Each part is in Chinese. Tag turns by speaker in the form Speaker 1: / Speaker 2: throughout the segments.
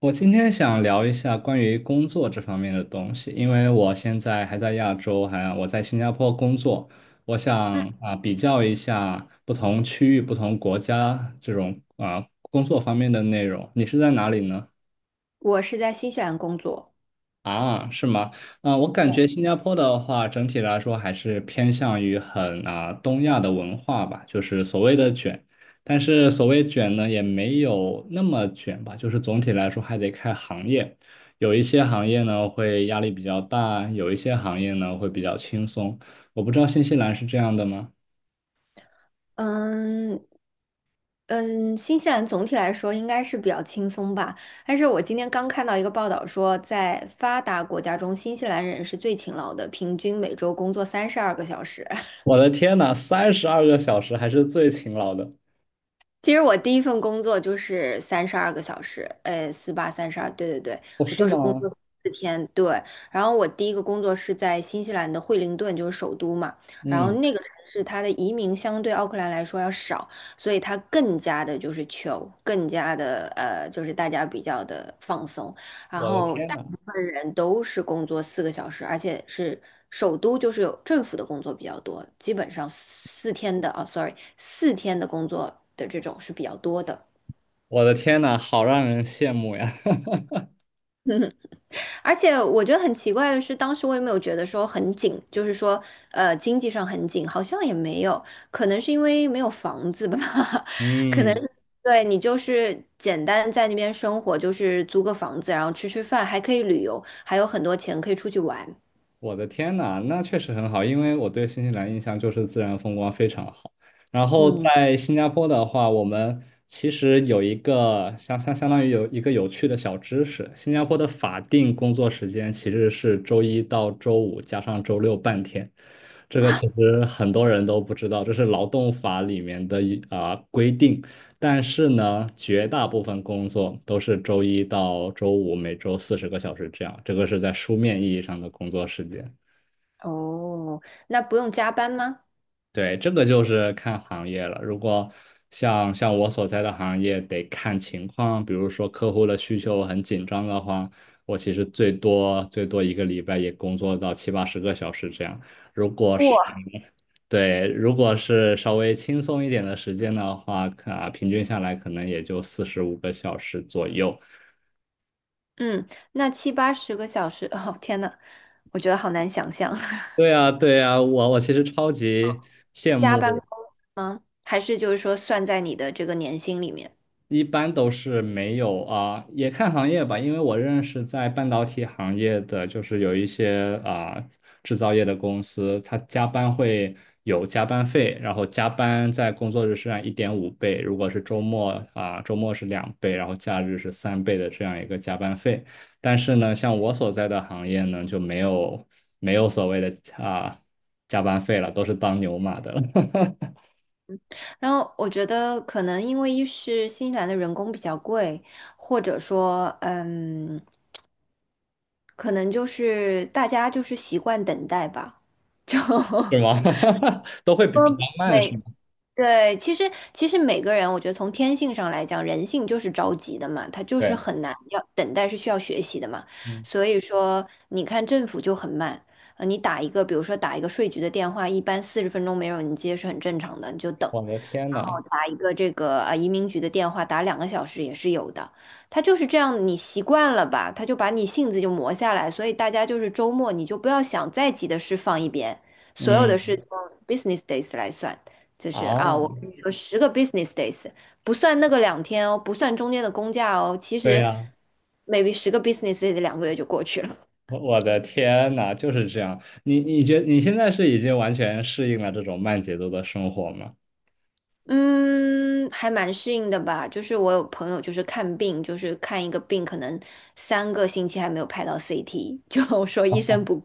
Speaker 1: 我今天想聊一下关于工作这方面的东西，因为我现在还在亚洲，我在新加坡工作，我想比较一下不同区域、不同国家这种工作方面的内容。你是在哪里呢？
Speaker 2: 我是在新西兰工作。
Speaker 1: 啊，是吗？嗯、我感觉新加坡的话，整体来说还是偏向于很东亚的文化吧，就是所谓的卷，但是所谓卷呢，也没有那么卷吧，就是总体来说还得看行业，有一些行业呢会压力比较大，有一些行业呢会比较轻松。我不知道新西兰是这样的吗？
Speaker 2: 嗯嗯，新西兰总体来说应该是比较轻松吧。但是我今天刚看到一个报道说，在发达国家中，新西兰人是最勤劳的，平均每周工作三十二个小时。
Speaker 1: 我的天呐，32个小时还是最勤劳的，
Speaker 2: 其实我第一份工作就是三十二个小时，四八三十二，对对对，
Speaker 1: 哦，
Speaker 2: 我
Speaker 1: 是
Speaker 2: 就是工
Speaker 1: 吗？
Speaker 2: 作四天，对。然后我第一个工作是在新西兰的惠灵顿，就是首都嘛。然后
Speaker 1: 嗯，
Speaker 2: 那个城市它的移民相对奥克兰来说要少，所以它更加的就是大家比较的放松。然
Speaker 1: 我的
Speaker 2: 后
Speaker 1: 天
Speaker 2: 大
Speaker 1: 呐，
Speaker 2: 部分人都是工作4个小时，而且是首都就是有政府的工作比较多，基本上四天的工作的这种是比较多的。
Speaker 1: 我的天呐，好让人羡慕呀。
Speaker 2: 而且我觉得很奇怪的是，当时我也没有觉得说很紧，就是说经济上很紧，好像也没有，可能是因为没有房子吧，可能
Speaker 1: 嗯。
Speaker 2: 是。对，你就是简单在那边生活，就是租个房子，然后吃吃饭，还可以旅游，还有很多钱可以出去玩。
Speaker 1: 我的天呐，那确实很好，因为我对新西兰印象就是自然风光非常好。然后
Speaker 2: 嗯。
Speaker 1: 在新加坡的话，我们其实有一个相当于有一个有趣的小知识，新加坡的法定工作时间其实是周一到周五加上周六半天，这个其实很多人都不知道，这是劳动法里面的规定。但是呢，绝大部分工作都是周一到周五，每周40个小时这样，这个是在书面意义上的工作时间。
Speaker 2: 哦，那不用加班吗？
Speaker 1: 对，这个就是看行业了。如果像我所在的行业，得看情况。比如说客户的需求很紧张的话，我其实最多最多一个礼拜也工作到七八十个小时这样。如果
Speaker 2: 不，
Speaker 1: 是对，如果是稍微轻松一点的时间的话，平均下来可能也就45个小时左右。
Speaker 2: 嗯，那七八十个小时，哦，天呐，我觉得好难想象，
Speaker 1: 对呀，对呀，我其实超级羡
Speaker 2: 加班
Speaker 1: 慕。
Speaker 2: 工吗？还是就是说算在你的这个年薪里面？
Speaker 1: 一般都是没有啊，也看行业吧，因为我认识在半导体行业的，就是有一些制造业的公司，它加班会有加班费，然后加班在工作日是按1.5倍，如果是周末啊，周末是2倍，然后假日是3倍的这样一个加班费。但是呢，像我所在的行业呢，就没有所谓的啊加班费了，都是当牛马的了。
Speaker 2: 然后我觉得可能因为一是新西兰的人工比较贵，或者说，嗯，可能就是大家就是习惯等待吧，就
Speaker 1: 是吗？都会 比较
Speaker 2: 嗯，
Speaker 1: 慢，是吗？
Speaker 2: 对，其实每个人，我觉得从天性上来讲，人性就是着急的嘛，他就是
Speaker 1: 对。
Speaker 2: 很难要等待是需要学习的嘛。
Speaker 1: 嗯
Speaker 2: 所以说，你看政府就很慢，你打一个，比如说打一个税局的电话，一般40分钟没有人接是很正常的，你就等。
Speaker 1: 我的天
Speaker 2: 然后
Speaker 1: 呐。
Speaker 2: 打一个这个移民局的电话，打2个小时也是有的。他就是这样，你习惯了吧，他就把你性子就磨下来。所以大家就是周末你就不要想再急的事放一边，所有的事
Speaker 1: 嗯，
Speaker 2: 从 business days 来算。就是啊，我
Speaker 1: 啊，
Speaker 2: 跟你说，十个 business days 不算那个2天哦，不算中间的公假哦，其
Speaker 1: 对
Speaker 2: 实
Speaker 1: 呀，
Speaker 2: maybe 十个 business days 2个月就过去了。
Speaker 1: 我的天呐，就是这样。你现在是已经完全适应了这种慢节奏的生活吗？
Speaker 2: 嗯，还蛮适应的吧。就是我有朋友就是看病，就是看一个病，可能3个星期还没有拍到 CT，就说医生不。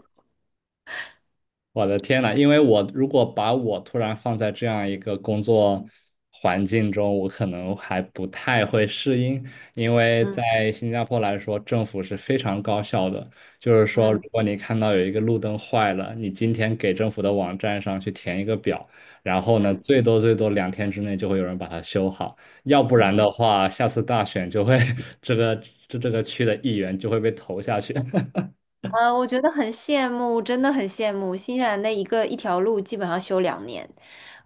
Speaker 1: 我的天呐，因为我如果把我突然放在这样一个工作环境中，我可能还不太会适应。因为
Speaker 2: 嗯
Speaker 1: 在新加坡来说，政府是非常高效的，就是说，如
Speaker 2: 嗯
Speaker 1: 果你看到有一个路灯坏了，你今天给政府的网站上去填一个表，然后呢，
Speaker 2: 嗯，
Speaker 1: 最多最多2天之内就会有人把它修好，要不然
Speaker 2: 哎，
Speaker 1: 的话，下次大选就会 这个这个区的议员就会被投下去。
Speaker 2: 啊，我觉得很羡慕，真的很羡慕新西兰的一条路基本上修2年，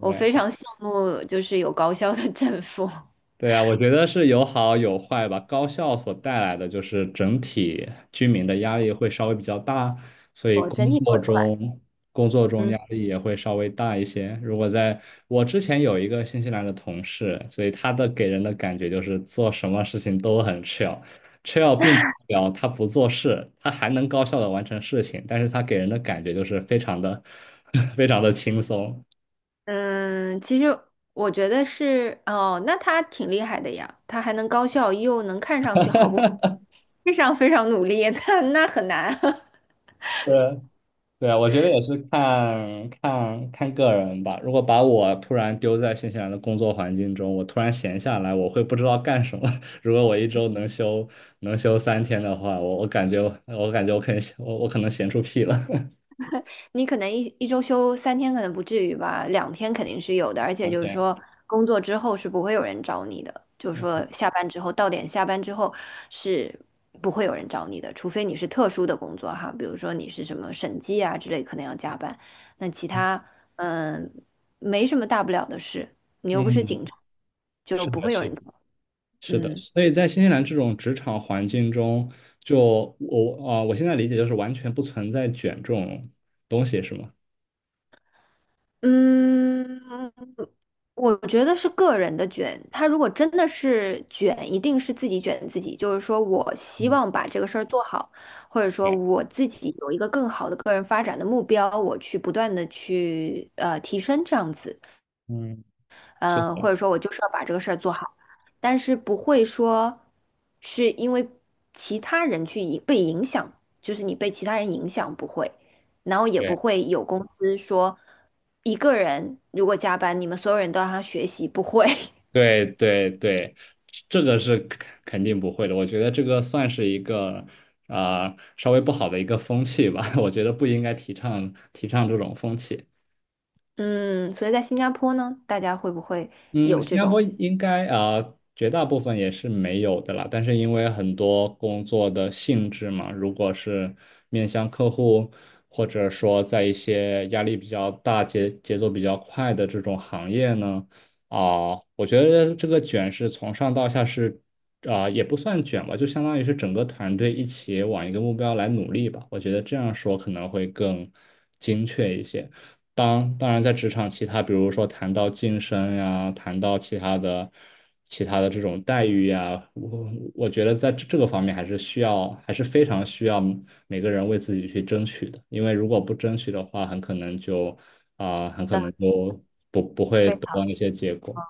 Speaker 2: 我非常羡慕，就是有高校的 政府。
Speaker 1: 对啊，我觉得是有好有坏吧。高校所带来的就是整体居民的压力会稍微比较大，所以
Speaker 2: 我
Speaker 1: 工
Speaker 2: 整体都
Speaker 1: 作
Speaker 2: 很快。
Speaker 1: 中工作中
Speaker 2: 嗯
Speaker 1: 压力也会稍微大一些。如果在我之前有一个新西兰的同事，所以他的给人的感觉就是做什么事情都很 chill，chill 并不代表他不做事，他还能高效的完成事情，但是他给人的感觉就是非常的 非常的轻松。
Speaker 2: 嗯，其实我觉得是哦，那他挺厉害的呀，他还能高效又能看上去毫不非常非常努力，那很难。
Speaker 1: 对，对啊，我觉得也是看个人吧。如果把我突然丢在新西兰的工作环境中，我突然闲下来，我会不知道干什么。如果我一周能休能休3天的话，我感觉我感觉我可能我可能闲出屁了
Speaker 2: 你可能一周休3天，可能不至于吧，两天肯定是有的。而且
Speaker 1: 两
Speaker 2: 就是
Speaker 1: 天。
Speaker 2: 说，工作之后是不会有人找你的，就是说下班之后到点下班之后是不会有人找你的，除非你是特殊的工作哈，比如说你是什么审计啊之类，可能要加班。那其他嗯没什么大不了的事，你又不是
Speaker 1: 嗯，
Speaker 2: 警察，就
Speaker 1: 是
Speaker 2: 不
Speaker 1: 的，
Speaker 2: 会有
Speaker 1: 是
Speaker 2: 人
Speaker 1: 的，
Speaker 2: 找。
Speaker 1: 是的，
Speaker 2: 嗯
Speaker 1: 所以在新西兰这种职场环境中，就我现在理解就是完全不存在卷这种东西，是吗？
Speaker 2: 嗯，我觉得是个人的卷，他如果真的是卷，一定是自己卷自己。就是说我希
Speaker 1: 嗯，
Speaker 2: 望把这个事儿做好，或者说
Speaker 1: 对，
Speaker 2: 我自己有一个更好的个人发展的目标，我去不断的去提升这样子。
Speaker 1: 嗯，是
Speaker 2: 嗯，或
Speaker 1: 的，
Speaker 2: 者说我就是要把这个事儿做好，但是不会说是因为其他人去影被影响，就是你被其他人影响不会，然后也不
Speaker 1: 对。
Speaker 2: 会有公司说一个人如果加班，你们所有人都让他学习，不会。
Speaker 1: 对对对，这个是肯定不会的。我觉得这个算是一个稍微不好的一个风气吧。我觉得不应该提倡这种风气。
Speaker 2: 嗯，所以在新加坡呢，大家会不会
Speaker 1: 嗯，
Speaker 2: 有
Speaker 1: 新
Speaker 2: 这
Speaker 1: 加
Speaker 2: 种
Speaker 1: 坡应该绝大部分也是没有的啦，但是因为很多工作的性质嘛，如果是面向客户，或者说在一些压力比较大、节奏比较快的这种行业呢，我觉得这个卷是从上到下是也不算卷吧，就相当于是整个团队一起往一个目标来努力吧，我觉得这样说可能会更精确一些。当然，在职场其他，比如说谈到晋升呀，谈到其他的、其他的这种待遇呀，我觉得在这个方面还是需要，还是非常需要每个人为自己去争取的。因为如果不争取的话，很可能就很可
Speaker 2: 的？
Speaker 1: 能就不会得到那些结果。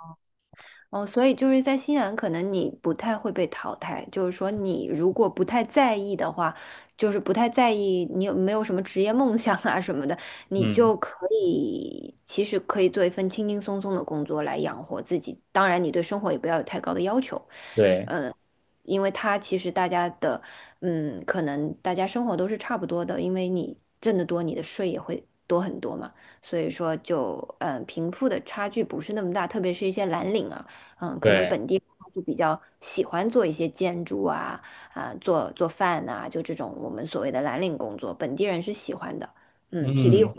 Speaker 2: 哦，所以就是在新西兰，可能你不太会被淘汰。就是说，你如果不太在意的话，就是不太在意你有没有什么职业梦想啊什么的，你
Speaker 1: 嗯，
Speaker 2: 就可以其实可以做一份轻轻松松的工作来养活自己。当然，你对生活也不要有太高的要求，
Speaker 1: 对
Speaker 2: 嗯，因为它其实大家的，嗯，可能大家生活都是差不多的，因为你挣得多，你的税也会多很多嘛。所以说就，嗯，贫富的差距不是那么大，特别是一些蓝领啊。嗯，可能
Speaker 1: 对，
Speaker 2: 本地人是比较喜欢做一些建筑啊，啊，做做饭呐、就这种我们所谓的蓝领工作，本地人是喜欢的，嗯，体力
Speaker 1: 嗯。
Speaker 2: 活，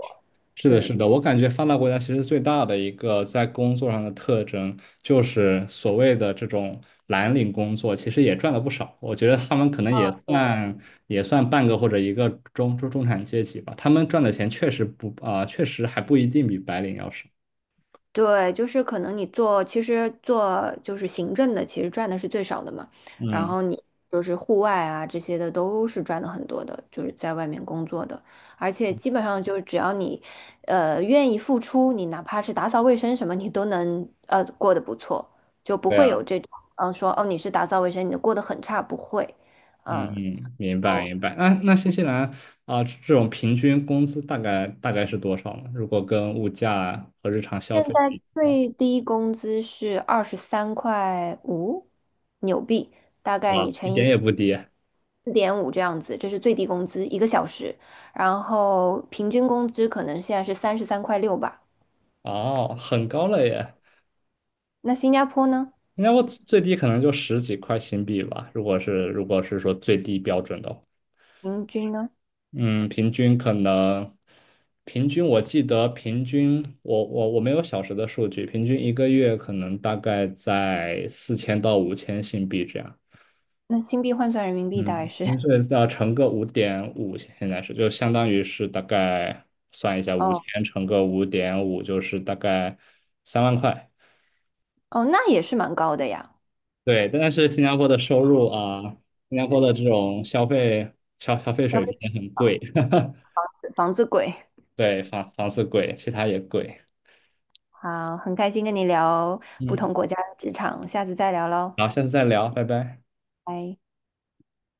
Speaker 1: 是的，是
Speaker 2: 嗯。
Speaker 1: 的，我感觉发达国家其实最大的一个在工作上的特征，就是所谓的这种蓝领工作，其实也赚了不少。我觉得他们可能也算半个或者一个中产阶级吧，他们赚的钱确实不确实还不一定比白领要少。
Speaker 2: 对，就是可能你做，其实做就是行政的，其实赚的是最少的嘛。然
Speaker 1: 嗯，
Speaker 2: 后你就是户外啊这些的都是赚的很多的，就是在外面工作的，而且基本上就是只要你，愿意付出，你哪怕是打扫卫生什么，你都能过得不错，就不
Speaker 1: 对
Speaker 2: 会
Speaker 1: 啊，
Speaker 2: 有这种说哦你是打扫卫生，你过得很差，不会，
Speaker 1: 嗯
Speaker 2: 嗯。
Speaker 1: 嗯，明白
Speaker 2: 哦，
Speaker 1: 明白。那新西兰这种平均工资大概是多少呢？如果跟物价和日常消
Speaker 2: 现
Speaker 1: 费比
Speaker 2: 在
Speaker 1: 的话，
Speaker 2: 最低工资是23.5块纽币，大概你
Speaker 1: 哇，一
Speaker 2: 乘
Speaker 1: 点
Speaker 2: 以。
Speaker 1: 也不低。
Speaker 2: 4.5这样子，这是最低工资，一个小时。然后平均工资可能现在是33.6块吧。
Speaker 1: 哦，很高了耶！
Speaker 2: 那新加坡呢？
Speaker 1: 应该我最低可能就十几块新币吧，如果是说最低标准的话。
Speaker 2: 平均呢？
Speaker 1: 嗯，平均可能平均我记得平均我没有小时的数据，平均一个月可能大概在4000到5000新币这样。
Speaker 2: 那新币换算人民币大概
Speaker 1: 嗯，
Speaker 2: 是。
Speaker 1: 薪水要乘个五点五，现在是就相当于是大概算一下，五
Speaker 2: 哦
Speaker 1: 千乘个五点五就是大概3万块。
Speaker 2: 哦，那也是蛮高的呀。
Speaker 1: 对，但是新加坡的收入啊，新加坡的这种消费
Speaker 2: 消
Speaker 1: 水平
Speaker 2: 费。
Speaker 1: 也很贵。
Speaker 2: 房子贵。
Speaker 1: 对，房子贵，其他也贵。
Speaker 2: 好，很开心跟你聊不
Speaker 1: 嗯，
Speaker 2: 同国家的职场，下次再聊喽，
Speaker 1: 好，下次再聊，拜拜。
Speaker 2: 拜。